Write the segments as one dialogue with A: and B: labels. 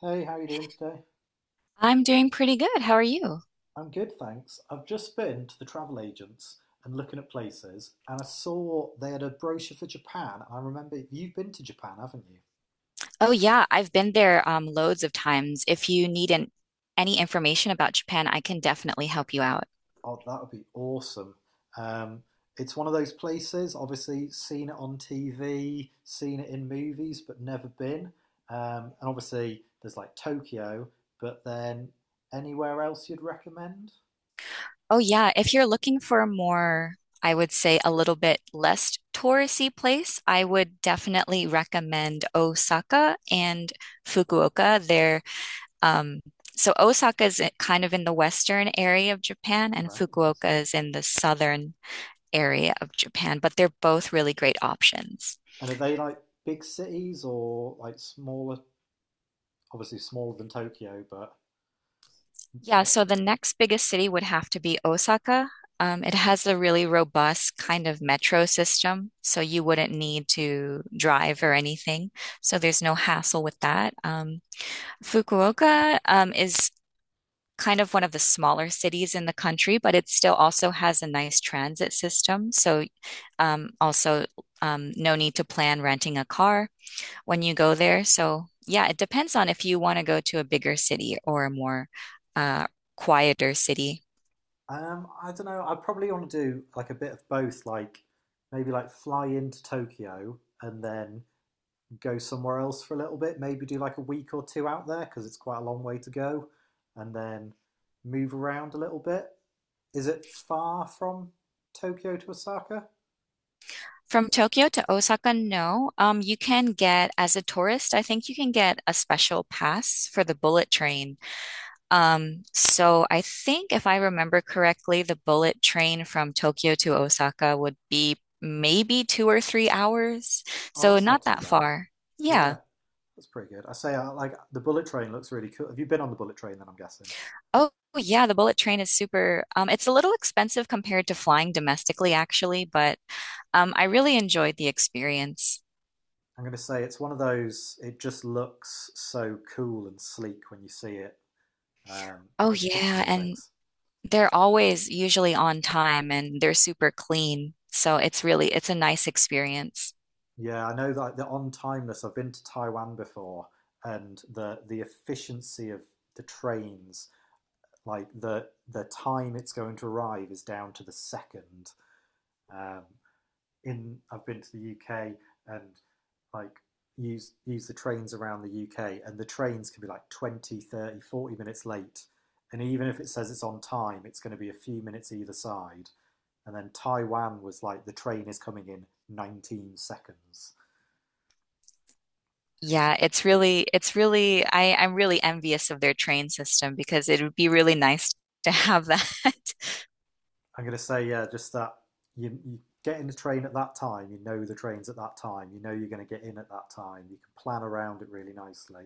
A: Hey, how are you doing today?
B: I'm doing pretty good. How are you?
A: I'm good, thanks. I've just been to the travel agents and looking at places, and I saw they had a brochure for Japan. And I remember you've been to Japan, haven't you?
B: Oh yeah, I've been there loads of times. If you need an, Any information about Japan, I can definitely help you out.
A: Oh, that would be awesome. Um, it's one of those places, obviously, seen it on TV, seen it in movies, but never been. And obviously, there's like Tokyo, but then anywhere else you'd recommend?
B: Oh yeah, if you're looking for I would say a little bit less touristy place, I would definitely recommend Osaka and Fukuoka. They're um, so Osaka is kind of in the western area of Japan, and
A: Right, yes.
B: Fukuoka is in the southern area of Japan, but they're both really great options.
A: And are they like big cities or like smaller, obviously smaller than Tokyo, but
B: Yeah, so the next biggest city would have to be Osaka. It has a really robust kind of metro system, so you wouldn't need to drive or anything. So there's no hassle with that. Fukuoka, is kind of one of the smaller cities in the country, but it still also has a nice transit system. So also no need to plan renting a car when you go there. So, yeah, it depends on if you want to go to a bigger city or a more uh, quieter city.
A: I don't know. I probably want to do like a bit of both, like maybe like fly into Tokyo and then go somewhere else for a little bit. Maybe do like a week or two out there because it's quite a long way to go, and then move around a little bit. Is it far from Tokyo to Osaka?
B: From Tokyo to Osaka, no. You can get, as a tourist, I think you can get a special pass for the bullet train. So I think if I remember correctly, the bullet train from Tokyo to Osaka would be maybe 2 or 3 hours.
A: Oh,
B: So
A: that's not
B: not
A: too
B: that
A: bad.
B: far.
A: Yeah,
B: Yeah.
A: that's pretty good. I say, like the bullet train looks really cool. Have you been on the bullet train? Then I'm guessing.
B: Oh, yeah, the bullet train is super. It's a little expensive compared to flying domestically, actually, but I really enjoyed the experience.
A: I'm going to say it's one of those. It just looks so cool and sleek when you see it, um,
B: Oh,
A: like pictures
B: yeah,
A: and
B: and
A: things.
B: they're always usually on time and they're super clean. So it's a nice experience.
A: Yeah, I know that the on timeless. I've been to Taiwan before, and the efficiency of the trains, like the time it's going to arrive, is down to the second. Um, in I've been to the UK, and like use the trains around the UK, and the trains can be like 20, 30, 40 minutes late. And even if it says it's on time, it's going to be a few minutes either side. And then Taiwan was like, the train is coming in 19 seconds. It was.
B: Yeah, I'm really envious of their train system because it would be really nice to have that.
A: I'm going to say, yeah, just that you get in the train at that time, you know the trains at that time, you know you're going to get in at that time, you can plan around it really nicely.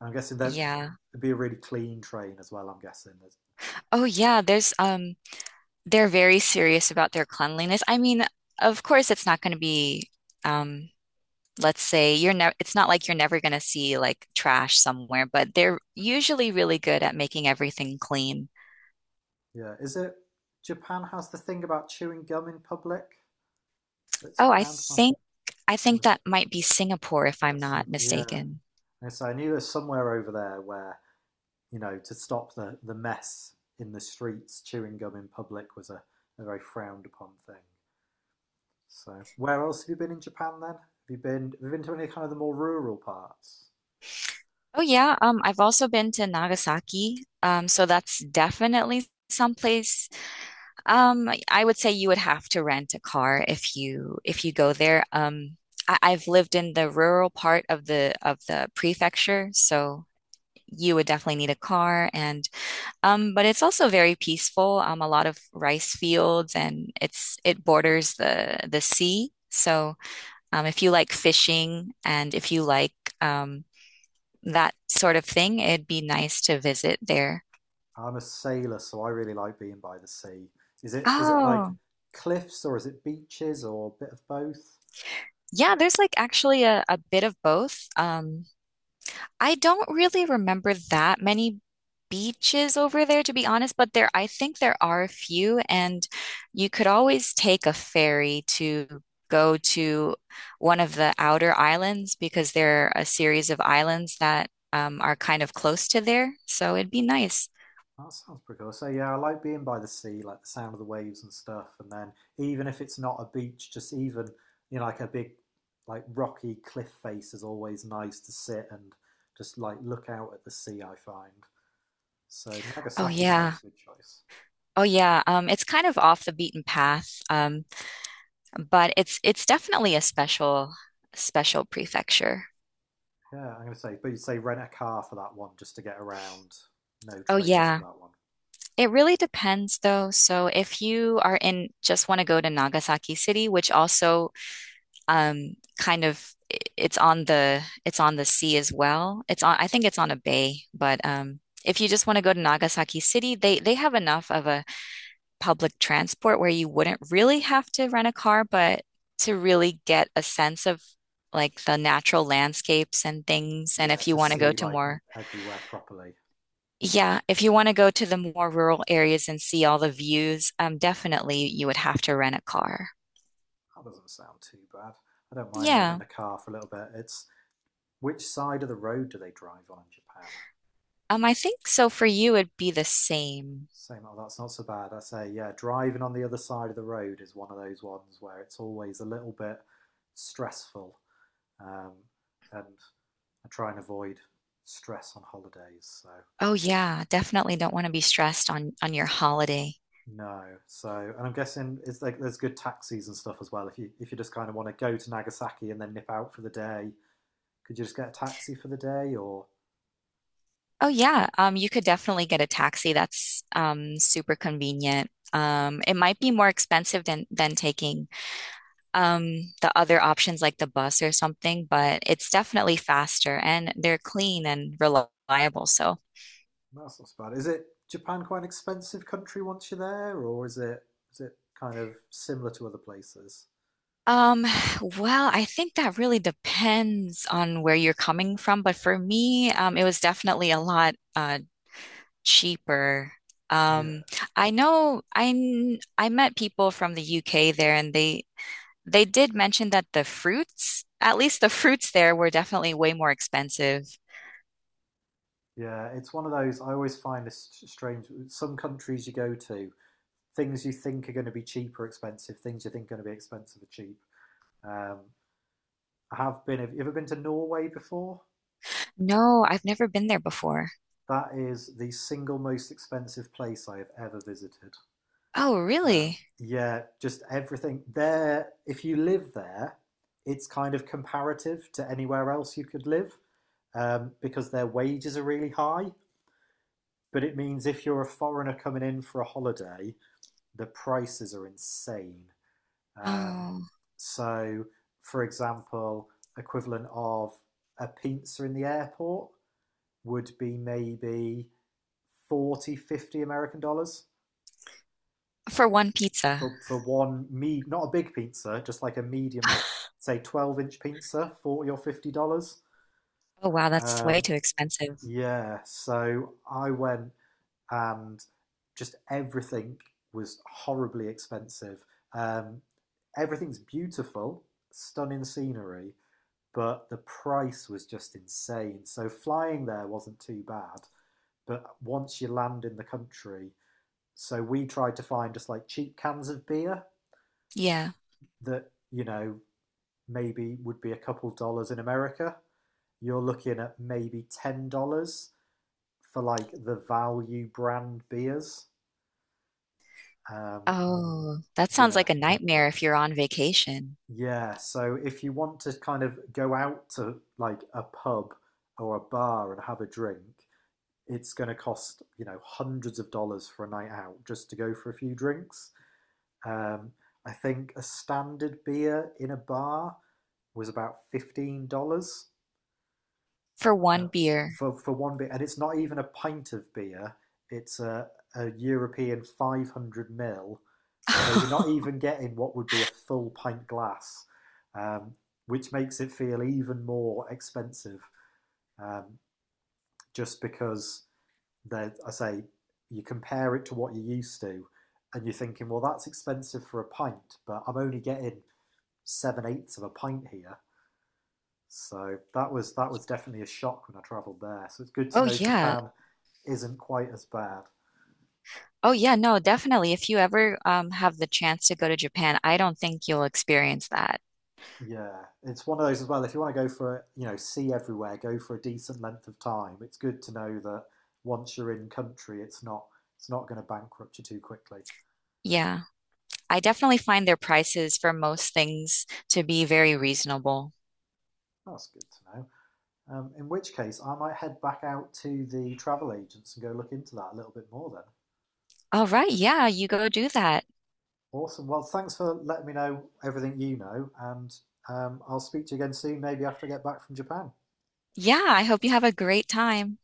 A: And I'm guessing that
B: Yeah.
A: it'd be a really clean train as well. I'm guessing there's.
B: Oh, yeah, there's they're very serious about their cleanliness. I mean, of course, it's not going to be, um, let's say you're never, it's not like you're never going to see like trash somewhere, but they're usually really good at making everything clean.
A: Yeah, is it, Japan has the thing about chewing gum in public that's
B: Oh, I
A: frowned upon?
B: think, I
A: Or
B: think that might be Singapore if
A: is
B: I'm
A: that
B: not
A: Singapore? Yeah.
B: mistaken.
A: And so I knew there's somewhere over there where, to stop the mess in the streets, chewing gum in public was a very frowned upon thing. So where else have you been in Japan then? Have you been to any kind of the more rural parts?
B: Oh yeah, I've also been to Nagasaki, so that's definitely someplace. I would say you would have to rent a car if you go there. Um, I've lived in the rural part of the prefecture, so you would definitely need a car and but it's also very peaceful. A lot of rice fields and it borders the sea. So if you like fishing and if you like um, that sort of thing, it'd be nice to visit there.
A: I'm a sailor, so I really like being by the sea. Is it like
B: Oh,
A: cliffs or is it beaches or a bit of both?
B: yeah, there's like actually a bit of both. I don't really remember that many beaches over there, to be honest, but I think there are a few, and you could always take a ferry to go to one of the outer islands because there are a series of islands that are kind of close to there. So it'd be nice.
A: That sounds pretty cool. So yeah, I like being by the sea, like the sound of the waves and stuff. And then even if it's not a beach, just even, like a big, like rocky cliff face is always nice to sit and just like look out at the sea, I find. So
B: Oh
A: Nagasaki
B: yeah.
A: sounds a good choice.
B: Oh yeah. It's kind of off the beaten path, but it's definitely a special prefecture.
A: Yeah, I'm gonna say, but you'd say rent a car for that one just to get around. No
B: Oh
A: trains for
B: yeah.
A: that one.
B: It really depends though. So if you are in just want to go to Nagasaki City, which also kind of it's on the sea as well. It's on I think it's on a bay, but if you just want to go to Nagasaki City, they have enough of a public transport where you wouldn't really have to rent a car, but to really get a sense of like the natural landscapes and things and
A: Yeah,
B: if
A: to
B: you want to go
A: see
B: to
A: like
B: more.
A: everywhere properly.
B: Yeah, if you want to go to the more rural areas and see all the views, definitely you would have to rent a car.
A: That doesn't sound too bad. I don't mind renting
B: Yeah.
A: a car for a little bit. It's Which side of the road do they drive on in Japan?
B: I think so for you it'd be the same.
A: Same, oh, that's not so bad. I say, yeah, driving on the other side of the road is one of those ones where it's always a little bit stressful. Um, and I try and avoid stress on holidays. So
B: Oh yeah, definitely don't want to be stressed on your holiday.
A: no. So, and I'm guessing it's like there's good taxis and stuff as well. If you just kind of want to go to Nagasaki and then nip out for the day, could you just get a taxi for the day, or.
B: Oh yeah, you could definitely get a taxi. That's super convenient. It might be more expensive than taking the other options like the bus or something, but it's definitely faster and they're clean and reliable. So.
A: That's not so bad. Is it Japan quite an expensive country once you're there, or is it kind of similar to other places?
B: Um, well, I think that really depends on where you're coming from, but for me, it was definitely a lot cheaper.
A: Yeah,
B: Um, I know I kn- I met people from the UK there and they did mention that the fruits, at least the fruits there were definitely way more expensive.
A: yeah. It's one of those, I always find this strange. Some countries you go to, things you think are going to be cheap are expensive. Things you think are going to be expensive are cheap. Um, I have been. Have you ever been to Norway before?
B: No, I've never been there before.
A: That is the single most expensive place I have ever visited.
B: Oh, really?
A: Yeah, just everything there. If you live there, it's kind of comparative to anywhere else you could live, because their wages are really high. But it means if you're a foreigner coming in for a holiday, the prices are insane. Um,
B: Oh,
A: so, for example, equivalent of a pizza in the airport would be maybe 40, 50 American dollars.
B: for one pizza.
A: For one, me, not a big pizza, just like a medium, like say 12 inch pizza, $40 or $50.
B: Oh, wow, that's way
A: Um,
B: too expensive.
A: yeah, so I went, and just everything was horribly expensive. Um, Everything's beautiful, stunning scenery, but the price was just insane. So flying there wasn't too bad, but once you land in the country, so we tried to find just like cheap cans of beer
B: Yeah.
A: that maybe would be a couple dollars in America. You're looking at maybe $10 for like the value brand beers. Um,
B: Oh, that sounds
A: yeah,
B: like a nightmare if you're on vacation
A: yeah. So if you want to kind of go out to like a pub or a bar and have a drink, it's going to cost hundreds of dollars for a night out just to go for a few drinks. Um, I think a standard beer in a bar was about $15.
B: for
A: uh,
B: one beer.
A: for one beer, and it's not even a pint of beer. It's a European 500 mil, so you're not even getting what would be a full pint glass, um, which makes it feel even more expensive. Um, just because that, I say, you compare it to what you're used to, and you're thinking, well, that's expensive for a pint, but I'm only getting seven-eighths of a pint here. So that was definitely a shock when I travelled there. So it's good to
B: Oh
A: know
B: yeah.
A: Japan isn't quite as bad.
B: Oh yeah, no, definitely. If you ever have the chance to go to Japan, I don't think you'll experience that.
A: Yeah, it's one of those as well. If you want to go for, see everywhere, go for a decent length of time. It's good to know that once you're in country, it's not going to bankrupt you too quickly.
B: Yeah. I definitely find their prices for most things to be very reasonable.
A: That's good to know. In which case, I might head back out to the travel agents and go look into that a little bit more then.
B: All right, yeah, you go do that.
A: Awesome. Well, thanks for letting me know everything you know, and I'll speak to you again soon, maybe after I get back from Japan.
B: Yeah, I hope you have a great time.